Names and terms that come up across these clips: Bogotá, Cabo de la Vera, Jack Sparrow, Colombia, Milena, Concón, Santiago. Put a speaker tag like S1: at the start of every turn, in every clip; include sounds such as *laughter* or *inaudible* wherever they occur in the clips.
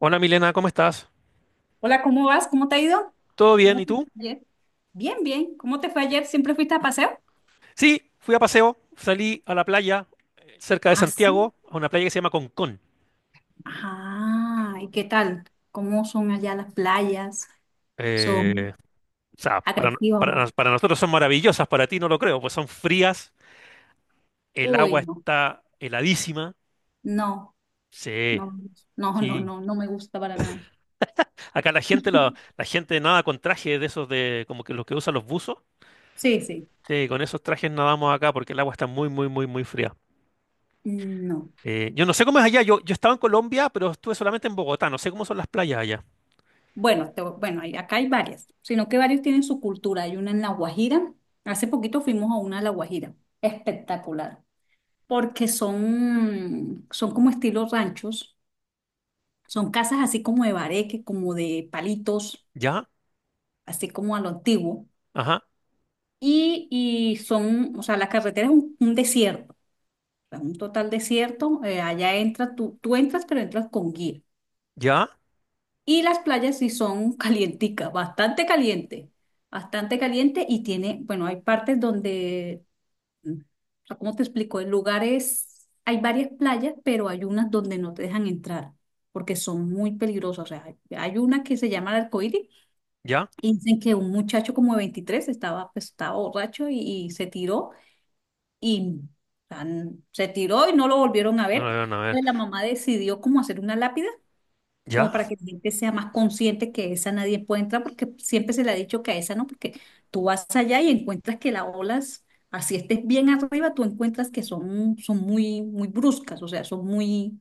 S1: Hola Milena, ¿cómo estás?
S2: Hola, ¿cómo vas? ¿Cómo te ha ido?
S1: ¿Todo bien?
S2: ¿Cómo
S1: ¿Y
S2: te fue
S1: tú?
S2: ayer? Bien, bien. ¿Cómo te fue ayer? ¿Siempre fuiste a paseo?
S1: Sí, fui a paseo, salí a la playa cerca de
S2: Ah, sí.
S1: Santiago, a una playa que se llama Concón.
S2: Ajá. ¿Y qué tal? ¿Cómo son allá las playas?
S1: Eh,
S2: ¿Son
S1: o sea, para, no-
S2: agresivas o
S1: para
S2: no?
S1: nos- para nosotros son maravillosas, para ti no lo creo, pues son frías, el agua
S2: Uy, no.
S1: está heladísima.
S2: No,
S1: Sí,
S2: no, no, no,
S1: sí.
S2: no, no me gusta para nada.
S1: Acá la gente, la gente nada con trajes de esos de como que los que usan los buzos.
S2: Sí, sí.
S1: Sí, con esos trajes nadamos acá porque el agua está muy, muy, muy, muy fría.
S2: No.
S1: Yo no sé cómo es allá, yo estaba en Colombia, pero estuve solamente en Bogotá, no sé cómo son las playas allá.
S2: Bueno, bueno, acá hay varias, sino que varios tienen su cultura. Hay una en La Guajira. Hace poquito fuimos a una a La Guajira. Espectacular. Porque son como estilo ranchos. Son casas así como de bareque, como de palitos,
S1: ¿Ya?
S2: así como a lo antiguo.
S1: Ajá,
S2: Y son, o sea, la carretera es un desierto, o sea, un total desierto. Allá entras, tú entras, pero entras con guía.
S1: ya,
S2: Y las playas sí son *laughs* calienticas, bastante caliente, bastante caliente. Y tiene, bueno, hay partes donde, mm, o sea, ¿cómo te explico? En lugares, hay varias playas, pero hay unas donde no te dejan entrar porque son muy peligrosas. O sea, hay una que se llama el Arcoíris.
S1: ya,
S2: Y dicen que un muchacho como de 23 estaba, pues, estaba borracho y se tiró y, o sea, se tiró y no lo volvieron a
S1: no
S2: ver.
S1: lo veo, a ver,
S2: Entonces la mamá decidió como hacer una lápida, como
S1: ya,
S2: para que la gente sea más consciente que esa nadie puede entrar, porque siempre se le ha dicho que a esa no, porque tú vas allá y encuentras que las olas, así estés bien arriba, tú encuentras que son muy, muy bruscas, o sea, son muy,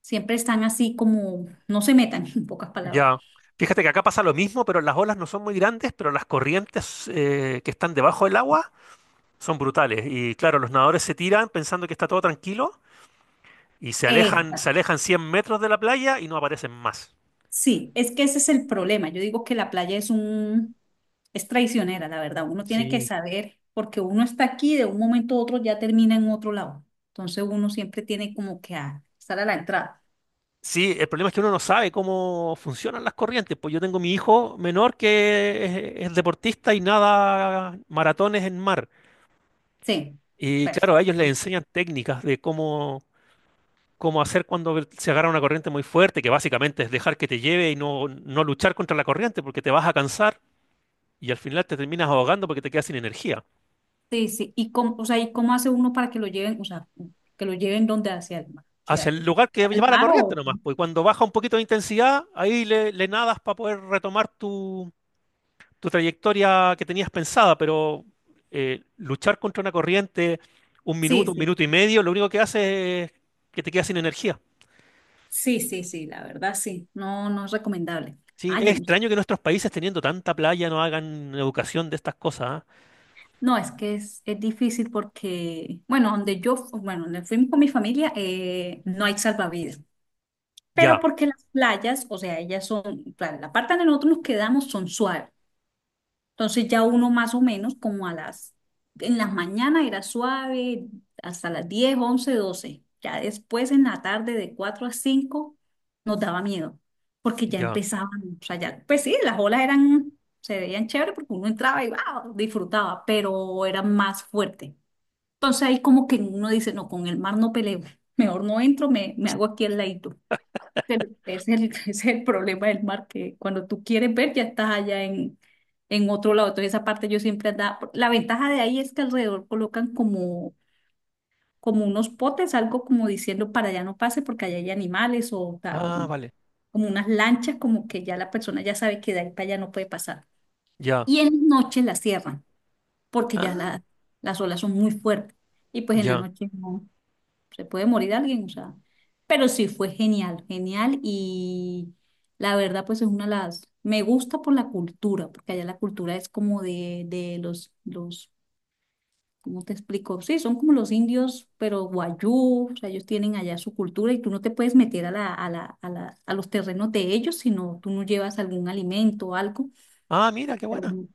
S2: siempre están así como, no se metan, *laughs* en pocas palabras.
S1: ya. Fíjate que acá pasa lo mismo, pero las olas no son muy grandes, pero las corrientes que están debajo del agua son brutales. Y claro, los nadadores se tiran pensando que está todo tranquilo y se alejan 100 metros de la playa y no aparecen más.
S2: Sí, es que ese es el problema. Yo digo que la playa es un, es traicionera, la verdad. Uno tiene que
S1: Sí.
S2: saber, porque uno está aquí, de un momento a otro ya termina en otro lado. Entonces uno siempre tiene como que estar a la entrada.
S1: Sí, el problema es que uno no sabe cómo funcionan las corrientes. Pues yo tengo mi hijo menor que es deportista y nada maratones en mar.
S2: Sí,
S1: Y claro, a ellos les
S2: perfecto.
S1: enseñan técnicas de cómo, como hacer cuando se agarra una corriente muy fuerte, que básicamente es dejar que te lleve y no, no luchar contra la corriente porque te vas a cansar y al final te terminas ahogando porque te quedas sin energía.
S2: Sí, sí. ¿Y cómo hace uno para que lo lleven, o sea, que lo lleven donde hacia el mar? O sea,
S1: Hacia
S2: ¿al
S1: el lugar que
S2: al
S1: lleva la
S2: mar
S1: corriente
S2: o...
S1: nomás, pues cuando baja un poquito de intensidad, ahí le nadas para poder retomar tu trayectoria que tenías pensada, pero luchar contra una corriente
S2: Sí,
S1: un
S2: sí.
S1: minuto y medio, lo único que hace es que te quedas sin energía.
S2: Sí, sí, sí, la verdad sí. No, no es recomendable.
S1: Sí,
S2: Ah,
S1: es
S2: yo no.
S1: extraño que nuestros países teniendo tanta playa no hagan educación de estas cosas, ¿ah?
S2: No, es que es difícil porque, bueno, bueno, donde fui con mi familia, no hay salvavidas. Pero
S1: Ya,
S2: porque las playas, o sea, ellas son, claro, la parte donde nosotros nos quedamos son suaves. Entonces ya uno más o menos como en las mañanas era suave, hasta las 10 11 12. Ya después en la tarde de 4 a 5 nos daba miedo, porque ya
S1: ya.
S2: empezaban, o sea, ya, pues sí, las olas eran se veían chévere porque uno entraba y wow, disfrutaba, pero era más fuerte. Entonces ahí como que uno dice, no, con el mar no peleo, mejor no entro, me hago aquí al ladito. Pero ese es el, *laughs* ese es el problema del mar, que cuando tú quieres ver ya estás allá en otro lado. Entonces esa parte yo siempre andaba, la ventaja de ahí es que alrededor colocan como unos potes, algo como diciendo para allá no pase porque allá hay animales o, o
S1: Ah,
S2: como,
S1: vale.
S2: como unas lanchas, como que ya la persona ya sabe que de ahí para allá no puede pasar.
S1: Ya.
S2: Y en la noche la cierran porque ya
S1: Ah,
S2: las olas son muy fuertes y pues en la
S1: ya.
S2: noche no, se puede morir alguien, o sea, pero sí fue genial, genial y la verdad pues es una de las, me gusta por la cultura, porque allá la cultura es como de los, ¿cómo te explico? Sí, son como los indios, pero guayú, o sea, ellos tienen allá su cultura y tú no te puedes meter a los terrenos de ellos, sino tú no llevas algún alimento o algo
S1: Ah, mira, qué
S2: para
S1: buena.
S2: uno-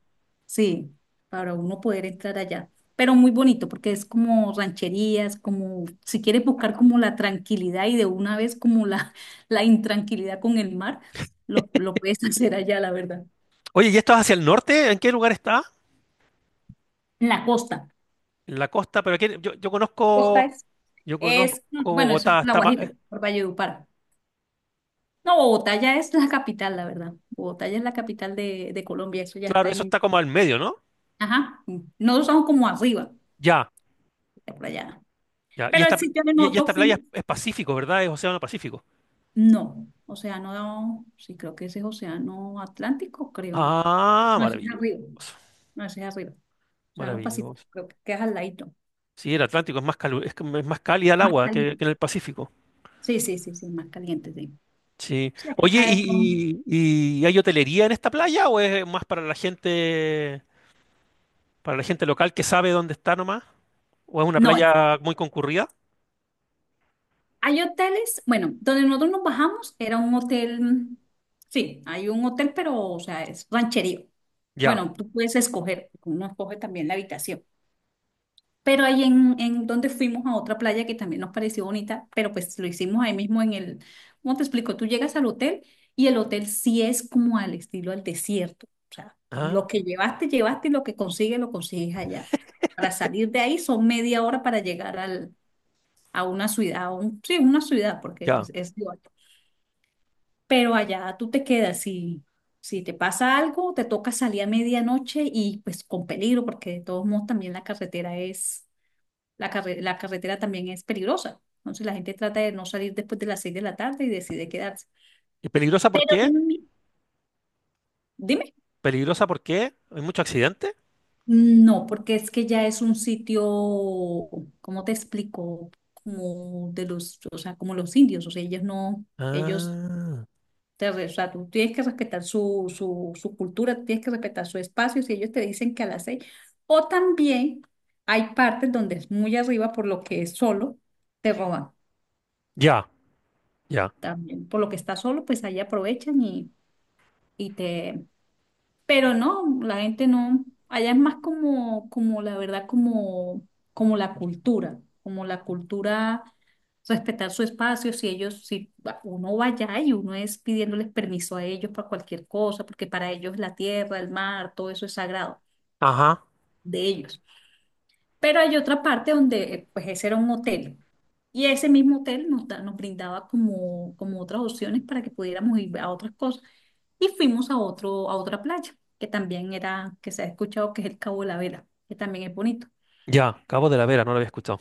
S2: Sí, para uno poder entrar allá. Pero muy bonito porque es como rancherías, como si quieres buscar como la tranquilidad y de una vez como la, *laughs* la intranquilidad con el mar, lo puedes *laughs* hacer allá, la verdad.
S1: Oye, ¿y esto es hacia el norte? ¿En qué lugar está?
S2: En la costa.
S1: En la costa, pero aquí, yo, yo
S2: Costa
S1: conozco,
S2: es.
S1: yo conozco
S2: Bueno, eso es
S1: Bogotá.
S2: La
S1: Está
S2: Guajira, por Valledupar. No, Bogotá ya es la capital, la verdad. Bogotá ya es la capital de Colombia, eso ya
S1: claro,
S2: está
S1: eso
S2: en...
S1: está como al medio, ¿no?
S2: Ajá, nosotros somos como arriba,
S1: Ya,
S2: por allá.
S1: ya. Y
S2: Pero
S1: esta,
S2: el
S1: pl-
S2: sitio de
S1: y, y
S2: nosotros
S1: esta playa es,
S2: fuimos.
S1: es Pacífico, ¿verdad? Es Océano Pacífico.
S2: No, océano, sí, creo que ese es océano Atlántico, creo.
S1: Ah,
S2: No, ese es
S1: maravilloso.
S2: arriba. No, ese es arriba. Océano Pacífico,
S1: Maravilloso.
S2: creo que es al ladito.
S1: Sí, el Atlántico es más que es más cálida el
S2: Más
S1: agua que en
S2: caliente.
S1: el Pacífico.
S2: Sí, sí, sí, sí, más caliente, sí.
S1: Sí.
S2: Sí, es que
S1: Oye,
S2: acá de todo.
S1: ¿y hay hotelería en esta playa o es más para la gente? Para la gente local que sabe dónde está nomás, o es una
S2: No es.
S1: playa muy concurrida,
S2: Hay hoteles, bueno, donde nosotros nos bajamos era un hotel, mm, sí, hay un hotel, pero, o sea, es rancherío.
S1: ya.
S2: Bueno, tú puedes escoger, uno escoge también la habitación. Pero ahí en donde fuimos a otra playa que también nos pareció bonita, pero pues lo hicimos ahí mismo en el, ¿cómo te explico? Tú llegas al hotel y el hotel sí es como al estilo al desierto. O sea, lo
S1: Ah,
S2: que llevaste, llevaste y lo que consigues, lo consigues allá. Para salir de ahí son media hora para llegar a una ciudad, sí, una ciudad, porque
S1: ya.
S2: pues es igual. Pero allá tú te quedas y si te pasa algo, te toca salir a medianoche y pues con peligro, porque de todos modos también la carretera también es peligrosa. Entonces la gente trata de no salir después de las 6 de la tarde y decide quedarse.
S1: ¿Y peligrosa por qué?
S2: Mm, Dime.
S1: ¿Peligrosa por qué? ¿Hay mucho accidente?
S2: No, porque es que ya es un sitio, ¿cómo te explico? Como de los, o sea, como los indios, o sea, ellos no, ellos
S1: Ah,
S2: o sea, tú tienes que respetar su cultura, tienes que respetar su espacio, si ellos te dicen que a las 6, o también hay partes donde es muy arriba por lo que es solo, te roban
S1: ya, ya.
S2: también, por lo que está solo, pues ahí aprovechan y te... Pero no, la gente no, allá es más como la verdad, como la cultura, como la cultura, respetar su espacio, si ellos, si va- uno va allá y uno es pidiéndoles permiso a ellos para cualquier cosa, porque para ellos la tierra, el mar, todo eso es sagrado
S1: Ajá,
S2: de ellos. Pero hay otra parte donde, pues ese era un hotel. Y ese mismo hotel nos brindaba como otras opciones para que pudiéramos ir a otras cosas. Y fuimos a otro, a otra playa, que se ha escuchado que es el Cabo de la Vela, que también es bonito.
S1: ya. Cabo de la Vera, no lo había escuchado.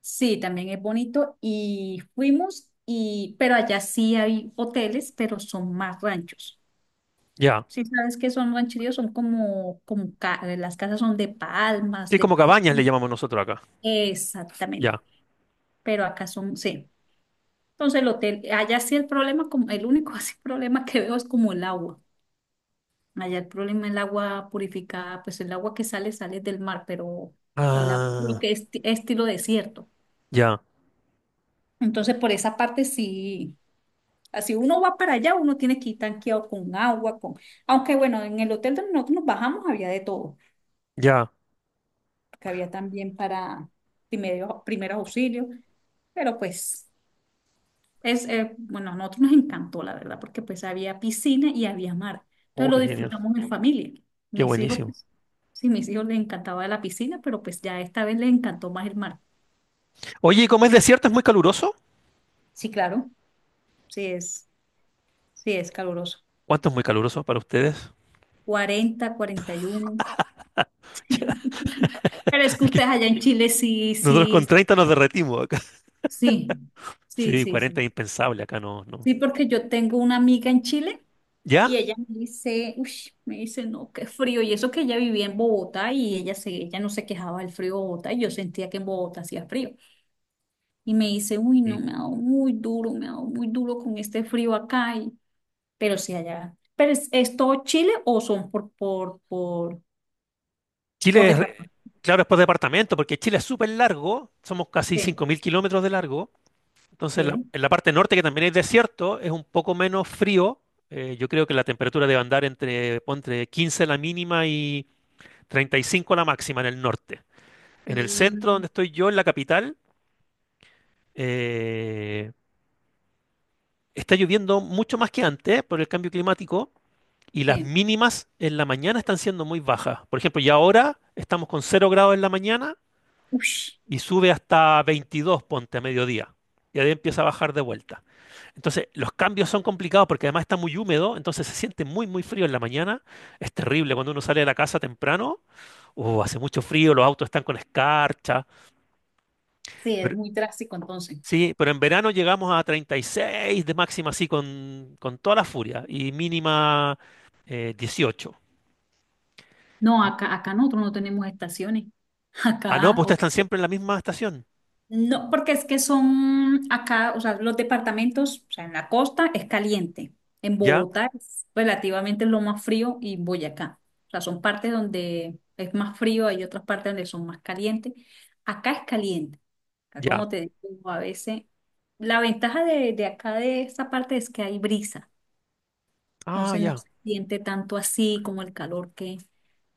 S2: Sí, también es bonito. Pero allá sí hay hoteles, pero son más ranchos.
S1: Ya.
S2: Si sabes que son rancheríos, son las casas son de palmas,
S1: Sí,
S2: de
S1: como
S2: palmas.
S1: cabañas le llamamos nosotros acá.
S2: Exactamente.
S1: Ya.
S2: Pero acá son, sí. Entonces el hotel, allá sí el problema, como, el único *laughs* así problema que veo es como el agua. Allá el problema es el agua purificada, pues el agua que sale, sale del mar, pero el agua creo
S1: Ah,
S2: que es estilo desierto.
S1: ya,
S2: Entonces por esa parte sí, así uno va para allá, uno tiene que ir tanqueado con agua, con... Aunque bueno, en el hotel donde nosotros nos bajamos había de todo,
S1: ya.
S2: porque había también para primero, primeros auxilios, pero pues... Bueno, a nosotros nos encantó, la verdad, porque pues había piscina y había mar.
S1: Oh,
S2: Entonces lo
S1: qué genial.
S2: disfrutamos en familia.
S1: Qué
S2: Mis hijos,
S1: buenísimo.
S2: pues, sí, mis hijos les encantaba la piscina, pero pues ya esta vez les encantó más el mar.
S1: Oye, ¿y como es desierto, es muy caluroso?
S2: Sí, claro, sí es, sí es caluroso.
S1: ¿Cuánto es muy caluroso para ustedes? *laughs*
S2: 40, 41 *laughs* Pero es que
S1: Es que
S2: ustedes allá en Chile sí,
S1: nosotros con
S2: sí,
S1: 30 nos derretimos acá.
S2: sí, sí,
S1: Sí,
S2: sí,
S1: 40,
S2: sí.
S1: es impensable acá, no, no.
S2: Sí, porque yo tengo una amiga en Chile.
S1: ¿Ya?
S2: Y ella me dice, uy, me dice, no, qué frío. Y eso que ella vivía en Bogotá y ella no se quejaba del frío de Bogotá y yo sentía que en Bogotá hacía frío. Y me dice, uy,
S1: Sí.
S2: no, me ha dado muy duro, me ha dado muy duro con este frío acá. Pero sí, allá. ¿Pero es todo Chile o son por
S1: Chile
S2: departamento?
S1: claro, es por departamento, porque Chile es súper largo, somos casi
S2: Sí,
S1: 5000 kilómetros de largo, entonces en la,
S2: sí,
S1: en la parte norte, que también hay desierto, es un poco menos frío, yo creo que la temperatura debe andar entre 15 la mínima y 35 la máxima en el norte. En el centro,
S2: mm,
S1: donde estoy yo, en la capital, eh, está lloviendo mucho más que antes por el cambio climático y las
S2: sí.
S1: mínimas en la mañana están siendo muy bajas. Por ejemplo, ya ahora estamos con 0 grados en la mañana
S2: Uy, sí,
S1: y sube hasta 22, ponte a mediodía. Y ahí empieza a bajar de vuelta. Entonces, los cambios son complicados porque además está muy húmedo, entonces se siente muy, muy frío en la mañana. Es terrible cuando uno sale de la casa temprano. Hace mucho frío, los autos están con escarcha.
S2: es
S1: Pero,
S2: muy drástico entonces.
S1: sí, pero en verano llegamos a 36 de máxima, así con toda la furia, y mínima 18.
S2: No, acá nosotros no tenemos estaciones. *laughs*
S1: Ah, no,
S2: Acá,
S1: pues ustedes están siempre en la misma estación.
S2: No, porque es que son acá, o sea, los departamentos, o sea, en la costa es caliente, en
S1: ¿Ya?
S2: Bogotá es relativamente lo más frío y Boyacá. O sea, son partes donde es más frío, hay otras partes donde son más calientes. Acá es caliente, acá
S1: Ya.
S2: como te digo, a veces la ventaja de acá de esta parte es que hay brisa,
S1: Ah,
S2: entonces no
S1: ya.
S2: se siente tanto así como el calor que,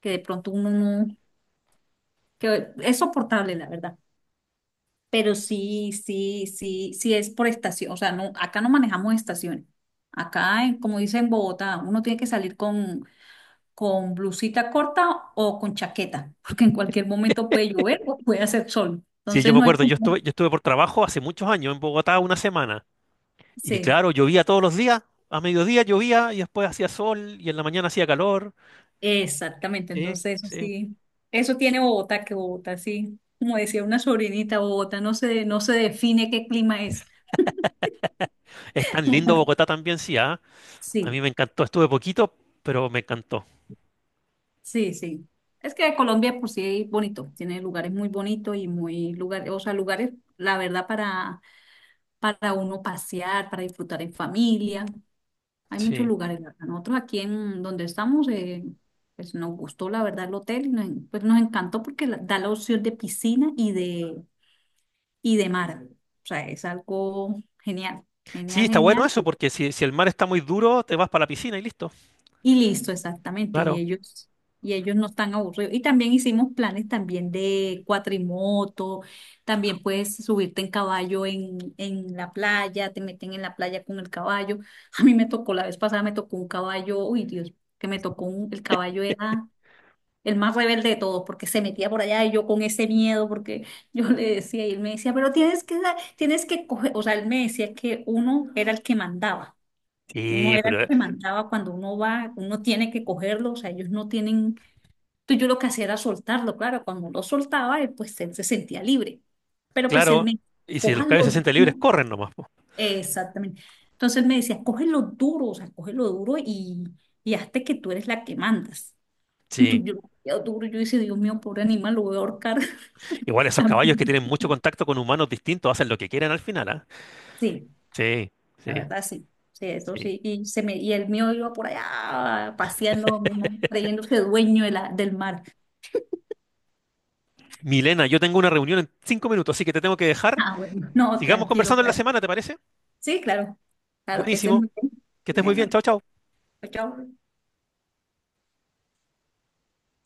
S2: que de pronto uno no, que es soportable, la verdad. Pero sí, sí, sí, sí es por estación. O sea, no, acá no manejamos estaciones. Acá, como dice en Bogotá, uno tiene que salir con blusita corta o con chaqueta, *laughs* porque en cualquier momento puede llover o puede hacer sol.
S1: Sí, yo
S2: Entonces
S1: me
S2: no hay
S1: acuerdo, yo
S2: como...
S1: estuve, yo estuve por trabajo hace muchos años en Bogotá una semana. Y
S2: Sí,
S1: claro, llovía todos los días, a mediodía llovía y después hacía sol y en la mañana hacía calor.
S2: exactamente.
S1: Sí,
S2: Entonces eso
S1: sí.
S2: sí, eso tiene Bogotá, que Bogotá sí. Como decía una sobrinita, Bogotá no se define qué clima es.
S1: Es tan lindo Bogotá
S2: *laughs*
S1: también, sí, ¿ah? A
S2: Sí.
S1: mí me encantó, estuve poquito, pero me encantó.
S2: Sí, sí. Es que Colombia por sí es bonito, tiene lugares muy bonitos y muy lugares, o sea, lugares, la verdad, para, uno pasear, para disfrutar en familia. Hay muchos
S1: Sí.
S2: lugares, la verdad. Nosotros aquí en donde estamos, pues nos gustó la verdad el hotel y nos encantó porque da la opción de piscina y de mar. O sea, es algo genial,
S1: Sí,
S2: genial,
S1: está bueno
S2: genial.
S1: eso, porque si, si el mar está muy duro, te vas para la piscina y listo.
S2: Y listo, exactamente. Y
S1: Claro.
S2: ellos, y ellos no están aburridos. Y también hicimos planes también de cuatrimoto, también puedes subirte en caballo en la playa, te meten en la playa con el caballo. A mí me tocó, la vez pasada me tocó un caballo, uy Dios, que me tocó un, el caballo era el más rebelde de todos, porque se metía por allá y yo con ese miedo, porque *laughs* yo le decía, y él me decía, pero tienes que coger, o sea, él me decía que uno era el que mandaba. Uno
S1: Sí,
S2: era el
S1: pero
S2: que mandaba cuando uno va, uno tiene que cogerlo, o sea, ellos no tienen, entonces yo lo que hacía era soltarlo, claro, cuando lo soltaba, él se sentía libre, pero pues él
S1: claro,
S2: me,
S1: y si los caballos se
S2: cójanlo
S1: sienten libres,
S2: duro,
S1: corren nomás, po.
S2: exactamente, entonces él me decía, cógelo duro, o sea, cógelo duro y hazte que tú eres la que mandas,
S1: Sí.
S2: entonces yo lo cogía duro, yo decía, Dios mío, pobre animal, lo voy a ahorcar,
S1: Igual esos caballos que tienen
S2: *laughs*
S1: mucho contacto con humanos distintos hacen lo que quieran al final, ¿ah?
S2: sí,
S1: Sí,
S2: la
S1: sí,
S2: verdad sí, sí, eso
S1: sí.
S2: sí, y el mío iba por allá paseando, ¿no? Creyéndose dueño de la, del mar.
S1: Milena, yo tengo una reunión en 5 minutos, así que te tengo que dejar.
S2: Ah, bueno, no,
S1: Sigamos
S2: tranquilo,
S1: conversando en la
S2: gracias.
S1: semana, ¿te parece?
S2: Sí, claro, claro que estés
S1: Buenísimo.
S2: muy bien.
S1: Que estés muy bien.
S2: Bueno,
S1: Chao, chao.
S2: chao.